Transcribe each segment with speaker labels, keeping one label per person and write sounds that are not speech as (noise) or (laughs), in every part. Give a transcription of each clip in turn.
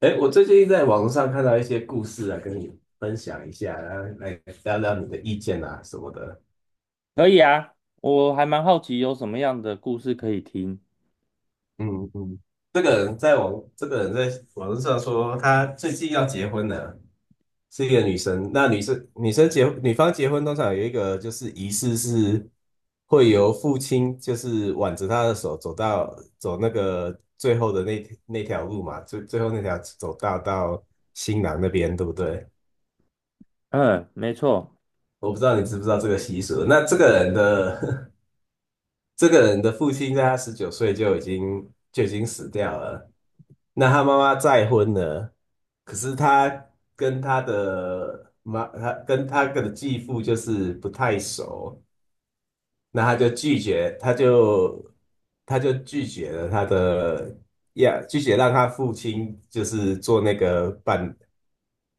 Speaker 1: 哎，我最近在网络上看到一些故事啊，跟你分享一下，然后来聊聊你的意见啊什么的。
Speaker 2: 可以啊，我还蛮好奇有什么样的故事可以听。
Speaker 1: 嗯嗯，这个人在网络上说他最近要结婚了，是一个女生。那女方结婚通常有一个就是仪式是会由父亲就是挽着她的手走那个最后的那条路嘛，最后那条走道到新郎那边，对不对？
Speaker 2: 嗯，没错。
Speaker 1: 我不知道你知不知道这个习俗。那这个人的 (laughs) 这个人的父亲在他19岁就已经死掉了。那他妈妈再婚了，可是他跟他的妈，他跟他的继父就是不太熟，那他就拒绝，他就拒绝了他的呀，拒绝让他父亲就是做那个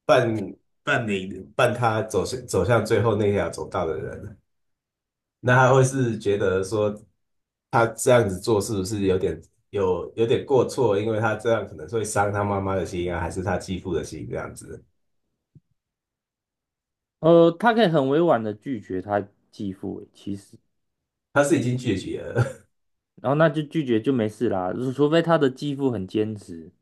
Speaker 1: 伴伴他走向最后那条走道的人。那他会是觉得说，他这样子做是不是有点过错？因为他这样可能会伤他妈妈的心啊，还是他继父的心这样子？
Speaker 2: 他可以很委婉的拒绝他继父，欸其实，
Speaker 1: 他是已经拒绝了，
Speaker 2: 然后那就拒绝就没事啦，除非他的继父很坚持。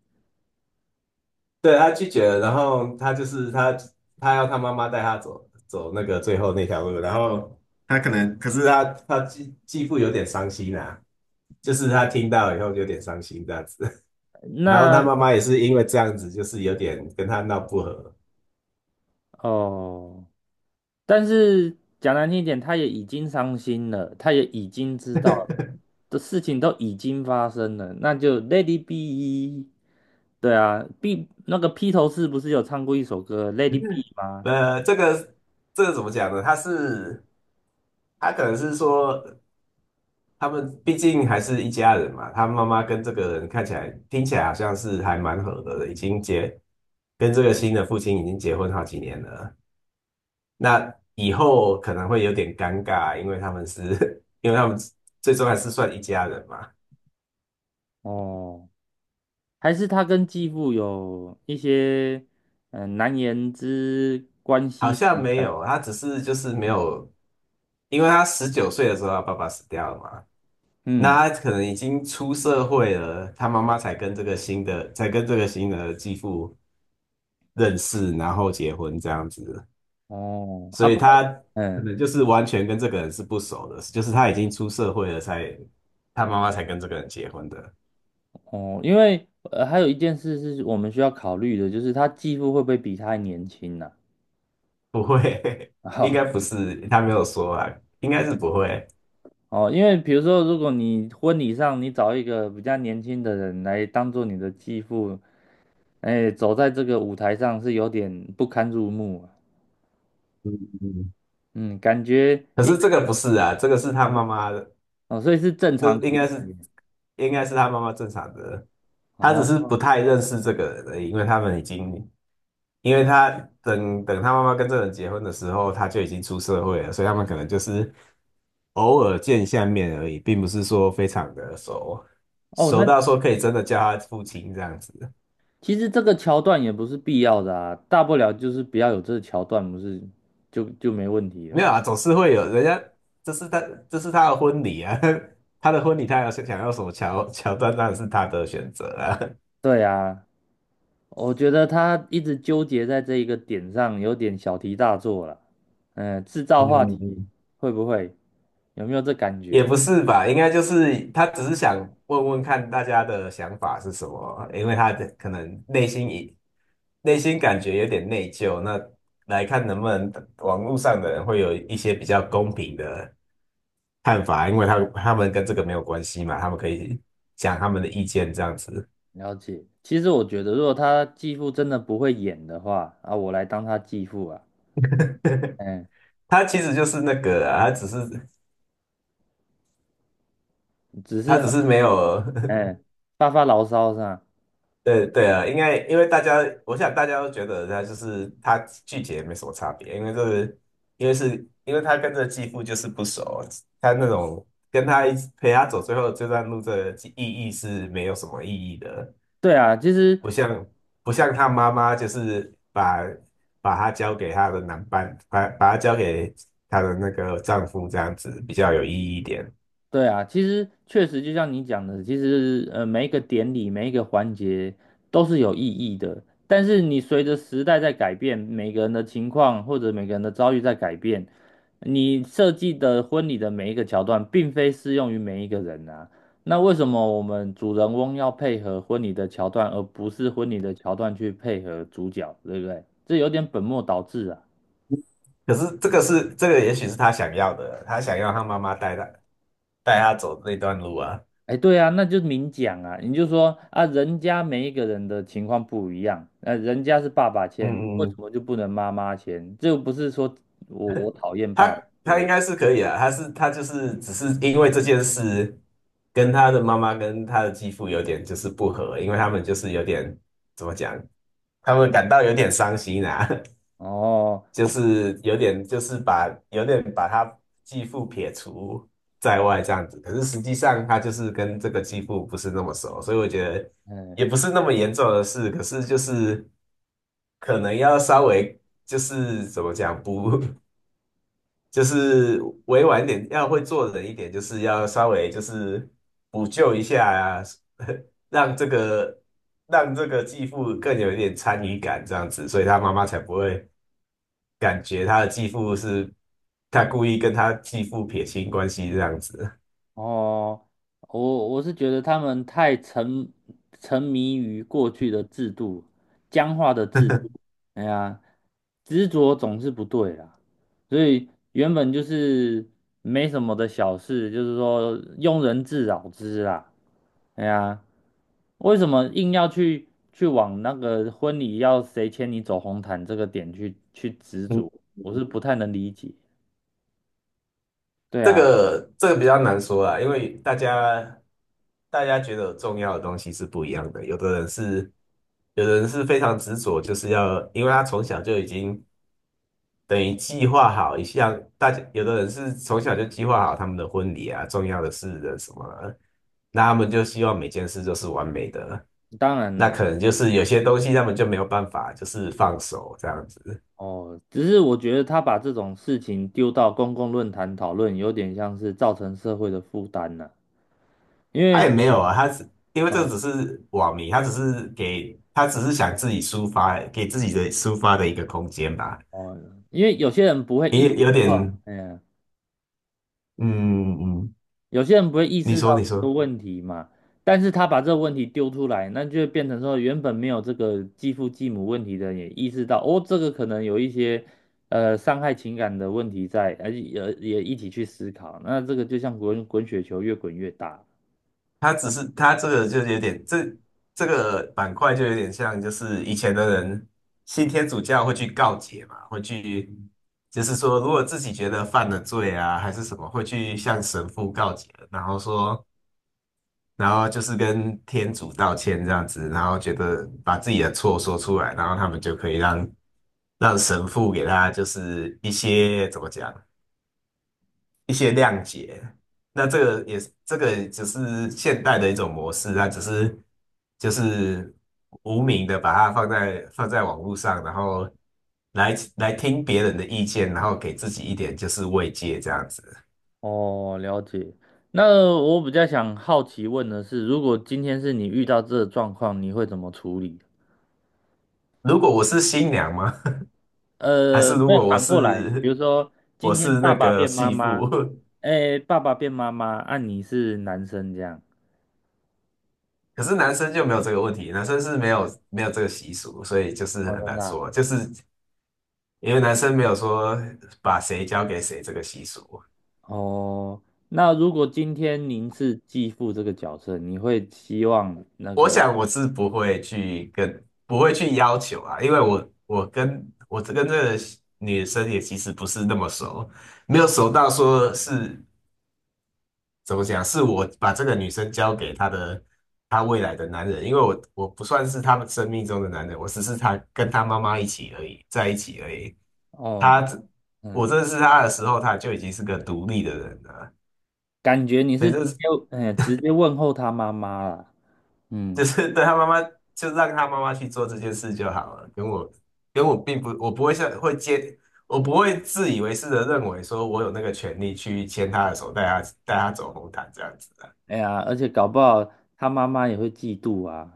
Speaker 1: (laughs) 对，他拒绝了，然后他要他妈妈带他走那个最后那条路，然后可是他继父有点伤心啊，就是他听到以后有点伤心这样子，(laughs) 然后他
Speaker 2: 那
Speaker 1: 妈妈也是因为这样子，就是有点跟他闹不和。
Speaker 2: 哦，但是讲难听一点，他也已经伤心了，他也已经知道了的事情都已经发生了，那就 l a d y be。对啊，B 那个披头士不是有唱过一首歌《l a d y be》吗？
Speaker 1: 呃，这个这个怎么讲呢？他可能是说，他们毕竟还是一家人嘛。他妈妈跟这个人看起来、听起来好像是还蛮合的，已经结跟这个新的父亲已经结婚好几年了。那以后可能会有点尴尬，因为他们是，(laughs) 因为他们最终还是算一家人嘛。
Speaker 2: 哦。还是他跟继父有一些难言之关
Speaker 1: 好
Speaker 2: 系
Speaker 1: 像
Speaker 2: 存
Speaker 1: 没
Speaker 2: 在？
Speaker 1: 有，他只是就是没有，因为他十九岁的时候，他爸爸死掉了嘛。
Speaker 2: 嗯，
Speaker 1: 那他可能已经出社会了，他妈妈才跟这个新的，才跟这个新的继父，认识，然后结婚这样子，
Speaker 2: 哦，啊，
Speaker 1: 所以
Speaker 2: 不
Speaker 1: 他
Speaker 2: 过，
Speaker 1: 可
Speaker 2: 嗯，
Speaker 1: 能就是完全跟这个人是不熟的，就是他已经出社会了才，他妈妈才跟这个人结婚的，
Speaker 2: 哦，因为还有一件事是我们需要考虑的，就是他继父会不会比他还年轻呢？
Speaker 1: 不会，
Speaker 2: (laughs)
Speaker 1: (laughs) 应该
Speaker 2: 哦
Speaker 1: 不是，他没有说啊，应该是不会。
Speaker 2: 哦，因为比如说，如果你婚礼上你找一个比较年轻的人来当做你的继父，哎，走在这个舞台上是有点不堪入目啊。
Speaker 1: 嗯嗯，
Speaker 2: 嗯，感觉
Speaker 1: 可
Speaker 2: 一
Speaker 1: 是
Speaker 2: 个
Speaker 1: 这个不是啊，这个是他妈妈的，
Speaker 2: 哦，所以是正
Speaker 1: 这
Speaker 2: 常情
Speaker 1: 应该是
Speaker 2: 节。
Speaker 1: 他妈妈正常的，他只是
Speaker 2: 哦
Speaker 1: 不太认识这个人而已，因为他等等他妈妈跟这个人结婚的时候，他就已经出社会了，所以他们可能就是偶尔见一下面而已，并不是说非常的熟，
Speaker 2: 哦，那
Speaker 1: 熟到说可以真的叫他父亲这样子。
Speaker 2: 其实这个桥段也不是必要的啊，大不了就是不要有这个桥段，不是就没问题了
Speaker 1: 没有
Speaker 2: 嘛？
Speaker 1: 啊，总是会有人家，这是他，这是他的婚礼啊，(laughs) 他的婚礼，他要想要什么桥段，当然是他的选择啊。
Speaker 2: 对啊，我觉得他一直纠结在这一个点上，有点小题大做了。嗯，制造
Speaker 1: 嗯
Speaker 2: 话题
Speaker 1: 嗯，
Speaker 2: 会不会有没有这感
Speaker 1: 也
Speaker 2: 觉？
Speaker 1: 不是吧，应该就是他只是想问问看大家的想法是什么，因为他的可能内心感觉有点内疚，那来看能不能网络上的人会有一些比较公平的，看法，因为他们跟这个没有关系嘛，他们可以讲他们的意见这样子。
Speaker 2: 了解。其实我觉得，如果他继父真的不会演的话，啊，我来当他继父啊。嗯，
Speaker 1: 他其实就是那个啊，他只是
Speaker 2: 只是
Speaker 1: 他只
Speaker 2: 发
Speaker 1: 是没有，
Speaker 2: 嗯发牢骚是吧？
Speaker 1: (laughs) 对对啊，应该因为大家，我想大家都觉得他就是他拒绝没什么差别，因为是因为他跟这继父就是不熟，他那种跟他一起陪他走最后这段路的意义是没有什么意义的。
Speaker 2: 对啊，其实
Speaker 1: 不像不像她妈妈，就是把她交给她的男伴，把她交给她的那个丈夫，这样子比较有意义一点。
Speaker 2: 对啊，其实确实就像你讲的，其实每一个典礼每一个环节都是有意义的，但是你随着时代在改变，每个人的情况或者每个人的遭遇在改变，你设计的婚礼的每一个桥段并非适用于每一个人啊。那为什么我们主人翁要配合婚礼的桥段，而不是婚礼的桥段去配合主角，对不对？这有点本末倒置啊。
Speaker 1: 可是也许是她想要的，她想要她妈妈带她走那段路啊。
Speaker 2: 哎，对啊，那就明讲啊，你就说啊，人家每一个人的情况不一样，那、人家是爸爸
Speaker 1: 嗯
Speaker 2: 签，为
Speaker 1: 嗯
Speaker 2: 什
Speaker 1: 嗯，
Speaker 2: 么就不能妈妈签？这又不是说我讨厌爸爸，
Speaker 1: 她
Speaker 2: 对不
Speaker 1: 她应
Speaker 2: 对？
Speaker 1: 该是可以啊，她就是只是因为这件事，跟她的妈妈跟她的继父有点就是不合，因为他们就是有点怎么讲，他们感到有点伤心啊。(laughs)
Speaker 2: 哦，
Speaker 1: 就是有点把他继父撇除在外这样子，可是实际上他就是跟这个继父不是那么熟，所以我觉得
Speaker 2: 嗯，
Speaker 1: 也不是那么严重的事，可是就是可能要稍微就是怎么讲不 (laughs) 就是委婉一点，要会做人一点，就是要稍微就是补救一下啊，(laughs) 让这个让这个继父更有一点参与感这样子，所以他妈妈才不会，感觉他的继父是他故意跟他继父撇清关系这样子。
Speaker 2: 哦，我是觉得他们太沉迷于过去的制度，僵化的制
Speaker 1: (laughs)
Speaker 2: 度，哎呀，执着总是不对啦。所以原本就是没什么的小事，就是说庸人自扰之啦，哎呀。为什么硬要去往那个婚礼要谁牵你走红毯这个点去执
Speaker 1: 嗯，
Speaker 2: 着？我
Speaker 1: 嗯，
Speaker 2: 是不太能理解。对
Speaker 1: 这
Speaker 2: 啊，
Speaker 1: 个这个比较难说啊，因为大家觉得重要的东西是不一样的，有的人是非常执着，就是要，因为他从小就已经等于计划好一下，大家有的人是从小就计划好他们的婚礼啊、重要的事的什么的那他们就希望每件事都是完美的，
Speaker 2: 当然
Speaker 1: 那
Speaker 2: 了，
Speaker 1: 可能就是有些东西他们就没有办法，就是放手这样子。
Speaker 2: 哦，只是我觉得他把这种事情丢到公共论坛讨论，有点像是造成社会的负担了。因
Speaker 1: 他
Speaker 2: 为
Speaker 1: 也没有啊，他只因为这
Speaker 2: 哦
Speaker 1: 只是网民，他只是想自己抒发，给自己的抒发的一个空间吧，
Speaker 2: 哦，因为有些人不会意
Speaker 1: 也
Speaker 2: 识
Speaker 1: 有
Speaker 2: 到，
Speaker 1: 点
Speaker 2: 哎呀，
Speaker 1: 嗯嗯，嗯，
Speaker 2: 有些人不会意
Speaker 1: 你
Speaker 2: 识到
Speaker 1: 说你
Speaker 2: 这个
Speaker 1: 说。
Speaker 2: 问题嘛，但是他把这个问题丢出来，那就会变成说，原本没有这个继父继母问题的人也意识到，哦，这个可能有一些伤害情感的问题在，而且也一起去思考，那这个就像滚滚雪球越滚越大。
Speaker 1: 他只是他这个就有点，这个板块就有点像，就是以前的人信天主教会去告解嘛，会去就是说，如果自己觉得犯了罪啊，还是什么，会去向神父告解，然后说，然后就是跟天主道歉这样子，然后觉得把自己的错说出来，然后他们就可以让神父给他就是一些怎么讲，一些谅解。那这个也是，这个只是现代的一种模式，它只是就是无名的把它放在网络上，然后来听别人的意见，然后给自己一点就是慰藉这样子。
Speaker 2: 哦，了解。那我比较想好奇问的是，如果今天是你遇到这个状况，你会怎么处理？
Speaker 1: 如果我是新娘吗？(laughs) 还是如
Speaker 2: 没有
Speaker 1: 果我
Speaker 2: 反过来，比如
Speaker 1: 是
Speaker 2: 说
Speaker 1: 我
Speaker 2: 今天
Speaker 1: 是那
Speaker 2: 爸爸
Speaker 1: 个
Speaker 2: 变妈
Speaker 1: 媳
Speaker 2: 妈，
Speaker 1: 妇？(laughs)
Speaker 2: 哎，爸爸变妈妈，啊，你是男生这样，
Speaker 1: 可是男生就没有这个问题，男生是没有这个习俗，所以就是
Speaker 2: 哦，
Speaker 1: 很
Speaker 2: 真
Speaker 1: 难
Speaker 2: 的啊。
Speaker 1: 说，就是因为男生没有说把谁交给谁这个习俗。
Speaker 2: 哦，那如果今天您是继父这个角色，你会希望那
Speaker 1: 我
Speaker 2: 个，
Speaker 1: 想我是不会去要求啊，因为我跟这个女生也其实不是那么熟，没有熟到说是怎么讲，是我把这个女生交给她未来的男人，因为我不算是他们生命中的男人，我只是她跟她妈妈一起而已，在一起而已。
Speaker 2: 哦，
Speaker 1: 她我
Speaker 2: 嗯，
Speaker 1: 认识她的时候，她就已经是个独立的人了，
Speaker 2: 感觉你
Speaker 1: 所
Speaker 2: 是
Speaker 1: 以
Speaker 2: 直
Speaker 1: 这
Speaker 2: 接，哎，直接问候他妈妈啦，
Speaker 1: (laughs)
Speaker 2: 嗯，
Speaker 1: 就是对他妈妈，就让他妈妈去做这件事就好了。跟我并不，我不会自以为是的认为说我有那个权利去牵他的手，带他走红毯这样子的。
Speaker 2: 哎呀，而且搞不好他妈妈也会嫉妒啊，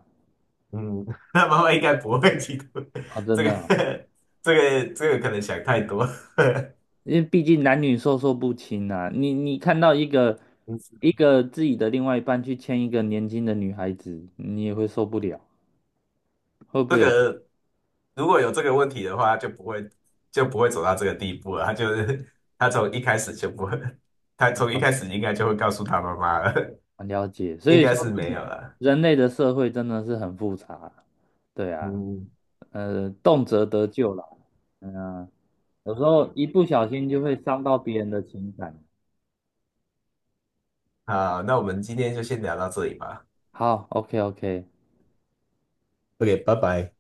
Speaker 1: 嗯，(laughs) 那妈妈应该不会嫉妒。
Speaker 2: 哦，真
Speaker 1: 这个
Speaker 2: 的啊。
Speaker 1: (laughs) 这这个可能想太多。(laughs)
Speaker 2: 因为毕竟男女授受不亲啊，你看到一个一
Speaker 1: 嗯
Speaker 2: 个自己的另外一半去牵一个年轻的女孩子，你也会受不了，会不
Speaker 1: 这
Speaker 2: 会有？
Speaker 1: 个如果有这个问题的话，就不会走到这个地步了。他就是他从一开始就不会，他从一开
Speaker 2: 哦，
Speaker 1: 始应该就会告诉他妈妈了，
Speaker 2: 很了解，
Speaker 1: (laughs)
Speaker 2: 所
Speaker 1: 应
Speaker 2: 以说
Speaker 1: 该是没有了。
Speaker 2: 人类的社会真的是很复杂，对啊，
Speaker 1: 嗯，
Speaker 2: 动辄得咎啦，嗯、啊有时候一不小心就会伤到别人的情感。
Speaker 1: 好，那我们今天就先聊到这里吧。
Speaker 2: 好，OK OK。
Speaker 1: OK,拜拜。